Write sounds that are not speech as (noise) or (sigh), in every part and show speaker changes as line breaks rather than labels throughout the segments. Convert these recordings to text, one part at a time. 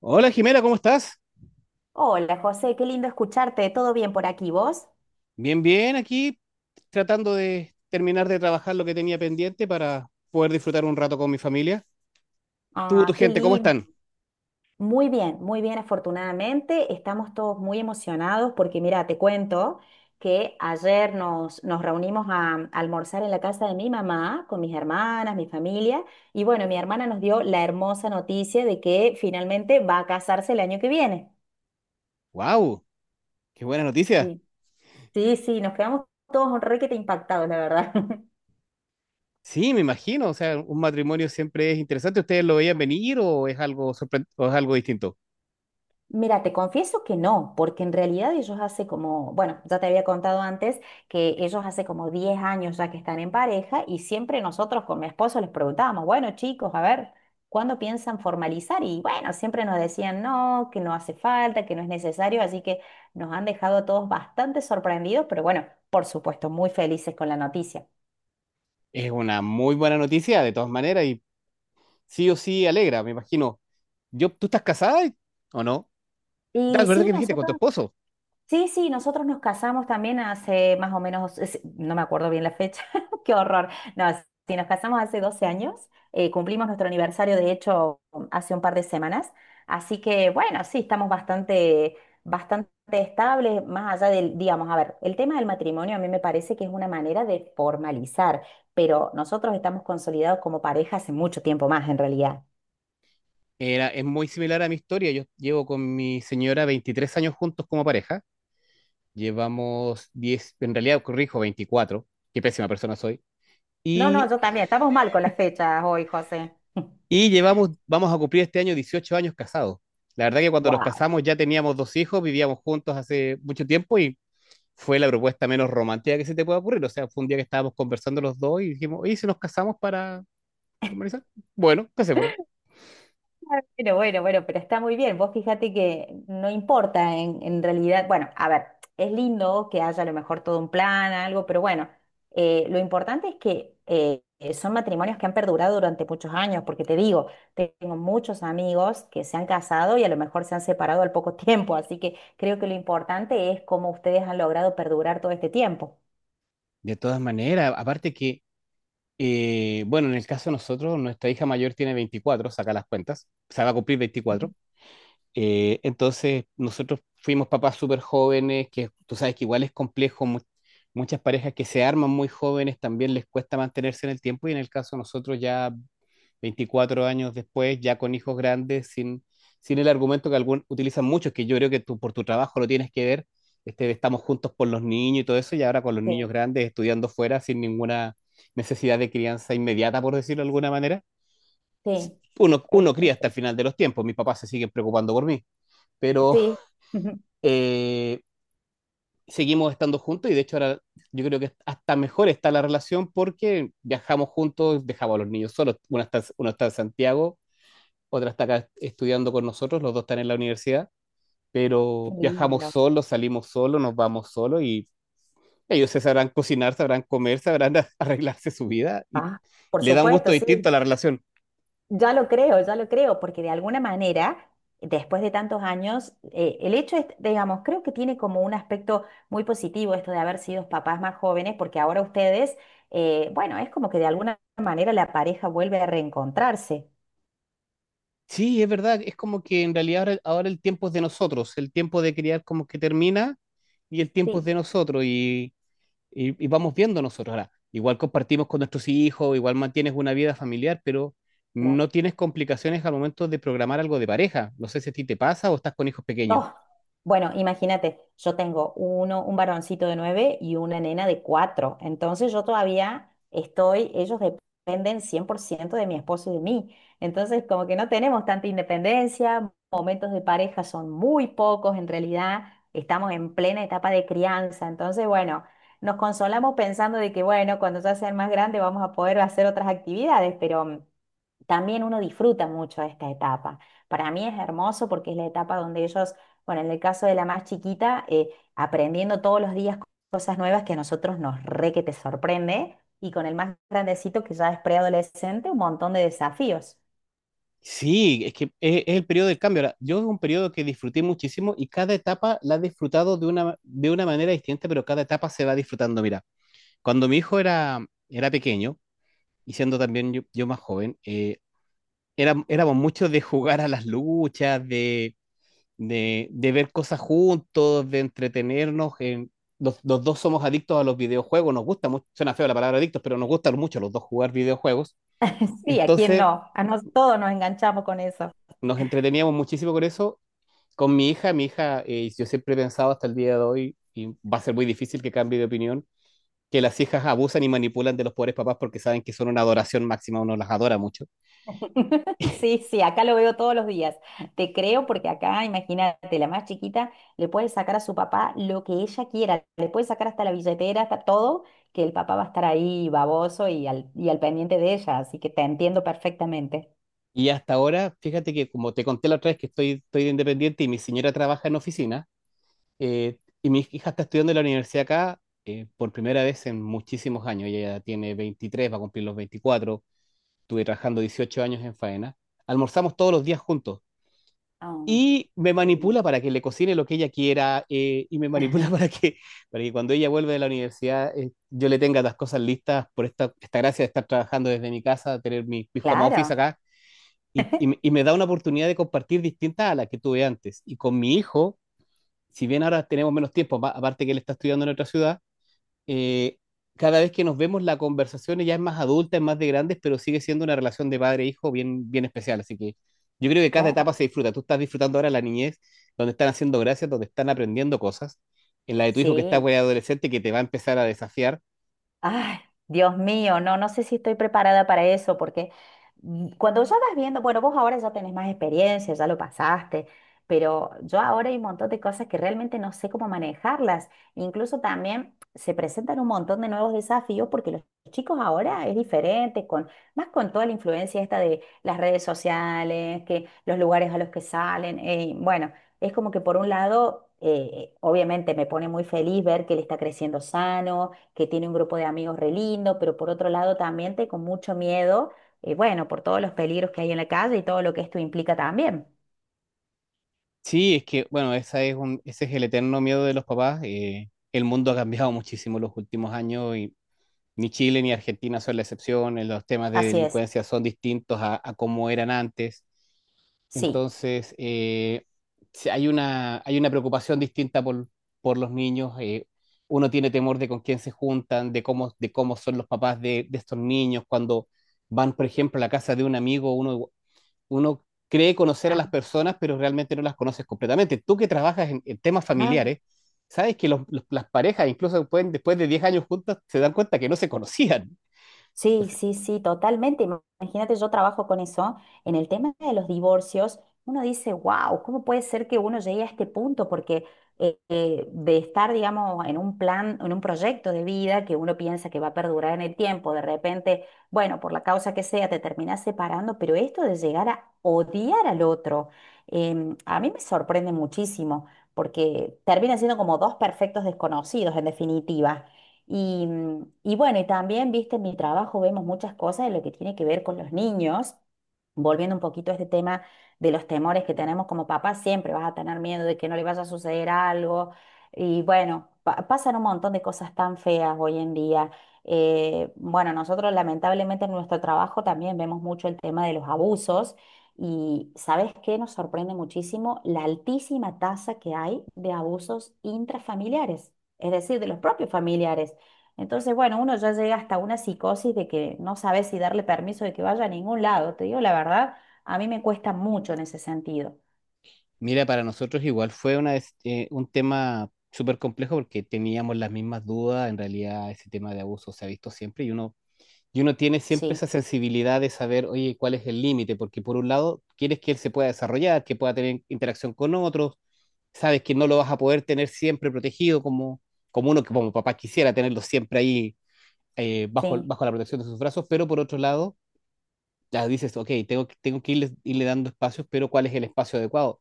Hola Jimena, ¿cómo estás?
Hola José, qué lindo escucharte. ¿Todo bien por aquí vos?
Bien, bien, aquí tratando de terminar de trabajar lo que tenía pendiente para poder disfrutar un rato con mi familia. Tú, tu
Ah, qué
gente, ¿cómo
lindo.
están?
Muy bien, afortunadamente. Estamos todos muy emocionados porque mira, te cuento que ayer nos reunimos a almorzar en la casa de mi mamá con mis hermanas, mi familia. Y bueno, mi hermana nos dio la hermosa noticia de que finalmente va a casarse el año que viene.
¡Wow! ¡Qué buena noticia!
Sí, sí, sí, nos quedamos todos un requete impactados, la verdad. (laughs)
Sí, me imagino, o sea, un matrimonio siempre es interesante. ¿Ustedes lo veían venir o es algo o es algo distinto?
Mira, te confieso que no, porque en realidad ellos hace como, bueno, ya te había contado antes que ellos hace como 10 años ya que están en pareja y siempre nosotros con mi esposo les preguntábamos, bueno, chicos, a ver, ¿cuándo piensan formalizar? Y bueno, siempre nos decían no, que no hace falta, que no es necesario, así que nos han dejado a todos bastante sorprendidos, pero bueno, por supuesto, muy felices con la noticia.
Es una muy buena noticia, de todas maneras, y sí o sí alegra, me imagino. Yo, ¿tú estás casada o no?
Y
Es verdad que
sí,
me dijiste con tu
nosotros.
esposo.
Sí, sí, nosotros nos casamos también hace más o menos, no me acuerdo bien la fecha, (laughs) qué horror. No, sí, nos casamos hace 12 años, cumplimos nuestro aniversario, de hecho, hace un par de semanas. Así que, bueno, sí, estamos bastante, bastante estables, más allá del, digamos, a ver, el tema del matrimonio a mí me parece que es una manera de formalizar, pero nosotros estamos consolidados como pareja hace mucho tiempo más, en realidad.
Es muy similar a mi historia. Yo llevo con mi señora 23 años juntos como pareja. Llevamos diez, en realidad corrijo, 24. Qué pésima persona soy,
No, no,
y,
yo también, estamos mal con las fechas hoy, José. (laughs)
y llevamos, vamos a cumplir este año 18 años casados. La verdad que cuando nos
Wow.
casamos ya teníamos dos hijos, vivíamos juntos hace mucho tiempo y fue la propuesta menos romántica que se te puede ocurrir. O sea, fue un día que estábamos conversando los dos y dijimos, ¿y si nos casamos para formalizar? Bueno, casémonos.
Bueno, bueno, bueno, pero está muy bien. Vos fíjate que no importa en realidad. Bueno, a ver, es lindo que haya a lo mejor todo un plan, algo, pero bueno, lo importante es que son matrimonios que han perdurado durante muchos años, porque te digo, tengo muchos amigos que se han casado y a lo mejor se han separado al poco (laughs) tiempo, así que creo que lo importante es cómo ustedes han logrado perdurar todo este tiempo.
De todas maneras, aparte que, bueno, en el caso de nosotros, nuestra hija mayor tiene 24, saca las cuentas, se va a cumplir 24. Entonces, nosotros fuimos papás súper jóvenes, que tú sabes que igual es complejo, muchas parejas que se arman muy jóvenes también les cuesta mantenerse en el tiempo y en el caso de nosotros ya 24 años después, ya con hijos grandes, sin el argumento que algún, utilizan muchos, que yo creo que tú por tu trabajo lo tienes que ver, este, de estamos juntos por los niños y todo eso, y ahora con los
Sí,
niños grandes estudiando fuera sin ninguna necesidad de crianza inmediata, por decirlo de alguna manera.
sí, es-
Uno cría hasta el
es-
final de los tiempos, mis papás se siguen preocupando por mí, pero,
sí, (laughs)
eh, seguimos estando juntos y de hecho ahora yo creo que hasta mejor está la relación porque viajamos juntos, dejamos a los niños solos. Uno está en Santiago, otra está acá estudiando con nosotros, los dos están en la universidad,
qué
pero viajamos
lindo.
solos, salimos solos, nos vamos solos y ellos se sabrán cocinar, sabrán comer, sabrán (laughs) arreglarse su vida y
Ah, por
le da un gusto
supuesto,
distinto
sí.
a la relación.
Ya lo creo, porque de alguna manera, después de tantos años, el hecho es, digamos, creo que tiene como un aspecto muy positivo esto de haber sido papás más jóvenes, porque ahora ustedes, bueno, es como que de alguna manera la pareja vuelve a reencontrarse.
Sí, es verdad, es como que en realidad ahora el tiempo es de nosotros, el tiempo de criar como que termina y el tiempo es de
Sí.
nosotros y y vamos viendo nosotros. Ahora, igual compartimos con nuestros hijos, igual mantienes una vida familiar, pero no tienes complicaciones al momento de programar algo de pareja. No sé si a ti te pasa o estás con hijos pequeños.
Oh, bueno, imagínate, yo tengo un varoncito de nueve y una nena de cuatro. Entonces yo todavía estoy, ellos dependen 100% de mi esposo y de mí. Entonces como que no tenemos tanta independencia, momentos de pareja son muy pocos en realidad, estamos en plena etapa de crianza. Entonces, bueno, nos consolamos pensando de que, bueno, cuando ya sean más grandes vamos a poder hacer otras actividades, pero también uno disfruta mucho esta etapa. Para mí es hermoso porque es la etapa donde ellos, bueno, en el caso de la más chiquita, aprendiendo todos los días cosas nuevas que a nosotros nos re que te sorprende, y con el más grandecito que ya es preadolescente, un montón de desafíos.
Sí, es que es el periodo del cambio. Ahora, yo es un periodo que disfruté muchísimo y cada etapa la he disfrutado de de una manera distinta, pero cada etapa se va disfrutando. Mira, cuando mi hijo era pequeño, y siendo también yo más joven, éramos muchos de jugar a las luchas, de de ver cosas juntos, de entretenernos. En, los dos somos adictos a los videojuegos, nos gusta mucho, suena feo la palabra adictos, pero nos gusta mucho los dos jugar videojuegos.
(laughs) Sí, ¿a quién
Entonces
no? A nosotros todos nos enganchamos con eso.
nos entreteníamos muchísimo con eso. Con mi hija, yo siempre he pensado hasta el día de hoy, y va a ser muy difícil que cambie de opinión, que las hijas abusan y manipulan de los pobres papás porque saben que son una adoración máxima, uno las adora mucho.
(laughs) Sí, sí, acá lo veo todos los días. Te creo porque acá, imagínate, la más chiquita le puede sacar a su papá lo que ella quiera, le puede sacar hasta la billetera, hasta todo, que el papá va a estar ahí baboso y al pendiente de ella, así que te entiendo perfectamente.
Y hasta ahora, fíjate que como te conté la otra vez que estoy de independiente y mi señora trabaja en oficina. Eh, y mi hija está estudiando en la universidad acá por primera vez en muchísimos años. Ella tiene 23, va a cumplir los 24. Estuve trabajando 18 años en faena. Almorzamos todos los días juntos. Y me
Mm.
manipula para que le cocine lo que ella quiera, y me manipula (laughs)
Ajá.
para que cuando ella vuelve de la universidad, yo le tenga las cosas listas por esta gracia de estar trabajando desde mi casa, tener mi home office
Claro,
acá y, y me da una oportunidad de compartir distinta a la que tuve antes. Y con mi hijo, si bien ahora tenemos menos tiempo, aparte que él está estudiando en otra ciudad, eh, cada vez que nos vemos la conversación ya es más adulta, es más de grandes, pero sigue siendo una relación de padre-hijo bien especial. Así que yo creo que cada etapa
claro,
se disfruta. Tú estás disfrutando ahora la niñez, donde están haciendo gracias, donde están aprendiendo cosas. En la de tu hijo que está
sí.
güey, adolescente, que te va a empezar a desafiar.
Ay, Dios mío, no, no sé si estoy preparada para eso, porque cuando ya vas viendo, bueno, vos ahora ya tenés más experiencia, ya lo pasaste, pero yo ahora hay un montón de cosas que realmente no sé cómo manejarlas. Incluso también se presentan un montón de nuevos desafíos porque los chicos ahora es diferente, más con toda la influencia esta de las redes sociales, que los lugares a los que salen, bueno. Es como que por un lado, obviamente me pone muy feliz ver que él está creciendo sano, que tiene un grupo de amigos re lindo, pero por otro lado también tengo mucho miedo, bueno, por todos los peligros que hay en la calle y todo lo que esto implica también.
Sí, es que, bueno, esa ese es el eterno miedo de los papás. Eh, el mundo ha cambiado muchísimo los últimos años y ni Chile ni Argentina son la excepción. Eh, los temas de
Así es,
delincuencia son distintos a como eran antes.
sí.
Entonces, sí, hay una preocupación distinta por los niños. Eh, uno tiene temor de con quién se juntan, de de cómo son los papás de estos niños. Cuando van, por ejemplo, a la casa de un amigo, uno cree conocer a las personas, pero realmente no las conoces completamente. Tú que trabajas en temas
Ah.
familiares, sabes que las parejas, incluso pueden, después de 10 años juntas, se dan cuenta que no se conocían.
Sí,
Entonces,
sí, sí, totalmente. Imagínate, yo trabajo con eso. En el tema de los divorcios, uno dice, wow, ¿cómo puede ser que uno llegue a este punto? Porque de estar, digamos, en un plan, en un proyecto de vida que uno piensa que va a perdurar en el tiempo, de repente, bueno, por la causa que sea, te terminas separando, pero esto de llegar a odiar al otro, a mí me sorprende muchísimo, porque terminan siendo como dos perfectos desconocidos, en definitiva. Y bueno, y también, viste, en mi trabajo vemos muchas cosas de lo que tiene que ver con los niños. Volviendo un poquito a este tema de los temores que tenemos como papás, siempre vas a tener miedo de que no le vaya a suceder algo. Y bueno, pasan un montón de cosas tan feas hoy en día. Bueno, nosotros lamentablemente en nuestro trabajo también vemos mucho el tema de los abusos. Y ¿sabes qué? Nos sorprende muchísimo la altísima tasa que hay de abusos intrafamiliares, es decir, de los propios familiares. Entonces, bueno, uno ya llega hasta una psicosis de que no sabe si darle permiso de que vaya a ningún lado. Te digo la verdad, a mí me cuesta mucho en ese sentido.
mira, para nosotros igual fue una, un tema súper complejo porque teníamos las mismas dudas. En realidad, ese tema de abuso se ha visto siempre y y uno tiene siempre esa
Sí,
sensibilidad de saber, oye, cuál es el límite, porque por un lado, quieres que él se pueda desarrollar, que pueda tener interacción con otros, sabes que no lo vas a poder tener siempre protegido como uno que como papá quisiera tenerlo siempre ahí,
sí,
bajo la protección de sus brazos, pero por otro lado, ya dices, ok, tengo que irle dando espacios, pero ¿cuál es el espacio adecuado?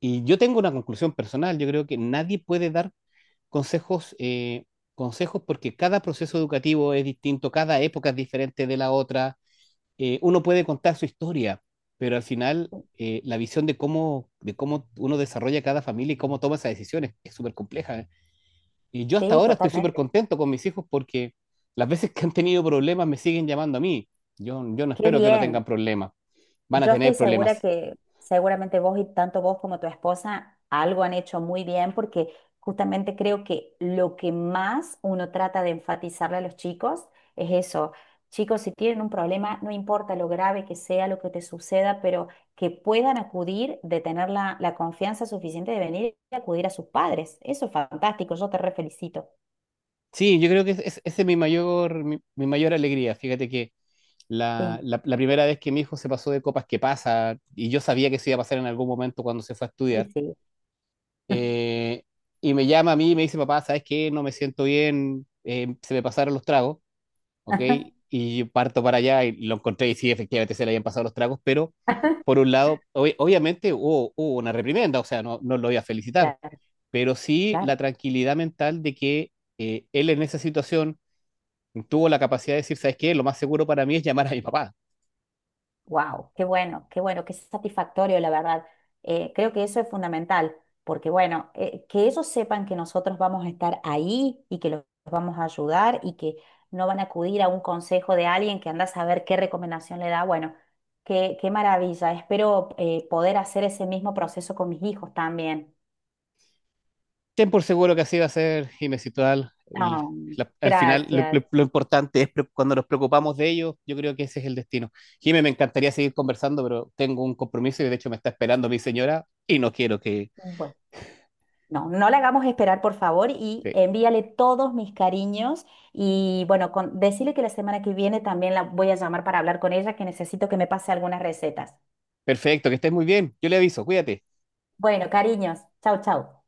Y yo tengo una conclusión personal, yo creo que nadie puede dar consejos, eh, consejos porque cada proceso educativo es distinto, cada época es diferente de la otra. Eh, uno puede contar su historia, pero al final, la visión de de cómo uno desarrolla cada familia y cómo toma esas decisiones es súper compleja. Y yo hasta
sí,
ahora estoy súper
totalmente.
contento con mis hijos porque las veces que han tenido problemas me siguen llamando a mí. Yo no
Qué
espero que no
bien.
tengan problemas, van a
Yo estoy
tener
segura
problemas.
que seguramente vos y tanto vos como tu esposa algo han hecho muy bien porque justamente creo que lo que más uno trata de enfatizarle a los chicos es eso. Chicos, si tienen un problema, no importa lo grave que sea, lo que te suceda, pero que puedan acudir, de tener la confianza suficiente de venir y acudir a sus padres. Eso es fantástico, yo te re felicito.
Sí, yo creo que esa es mi mayor, mi mayor alegría. Fíjate que
Sí,
la primera vez que mi hijo se pasó de copas que pasa, y yo sabía que eso iba a pasar en algún momento cuando se fue a estudiar,
y sí.
eh, y me llama a mí y me dice, papá, ¿sabes qué? No me siento bien, se me pasaron los tragos, ¿ok?
(laughs)
Y yo parto para allá y lo encontré y sí, efectivamente se le habían pasado los tragos, pero por un lado, obviamente hubo una reprimenda, o sea, no, no lo voy a felicitar,
Claro,
pero sí
claro.
la tranquilidad mental de que él en esa situación tuvo la capacidad de decir, ¿sabes qué? Lo más seguro para mí es llamar a mi papá.
Wow, qué bueno, qué bueno, qué satisfactorio, la verdad. Creo que eso es fundamental, porque bueno, que ellos sepan que nosotros vamos a estar ahí y que los vamos a ayudar y que no van a acudir a un consejo de alguien que anda a saber qué recomendación le da. Bueno, qué maravilla. Espero poder hacer ese mismo proceso con mis hijos también.
Ten por seguro que así va a ser y me citó
Ah,
al final
gracias.
lo importante es cuando nos preocupamos de ellos, yo creo que ese es el destino. Jimé, me encantaría seguir conversando, pero tengo un compromiso y de hecho me está esperando mi señora y no quiero que...
Bueno. No, no la hagamos esperar, por favor, y
que-
envíale todos mis cariños. Y bueno, decirle que la semana que viene también la voy a llamar para hablar con ella, que necesito que me pase algunas recetas.
Perfecto, que estés muy bien. Yo le aviso, cuídate.
Bueno, cariños, chau, chau.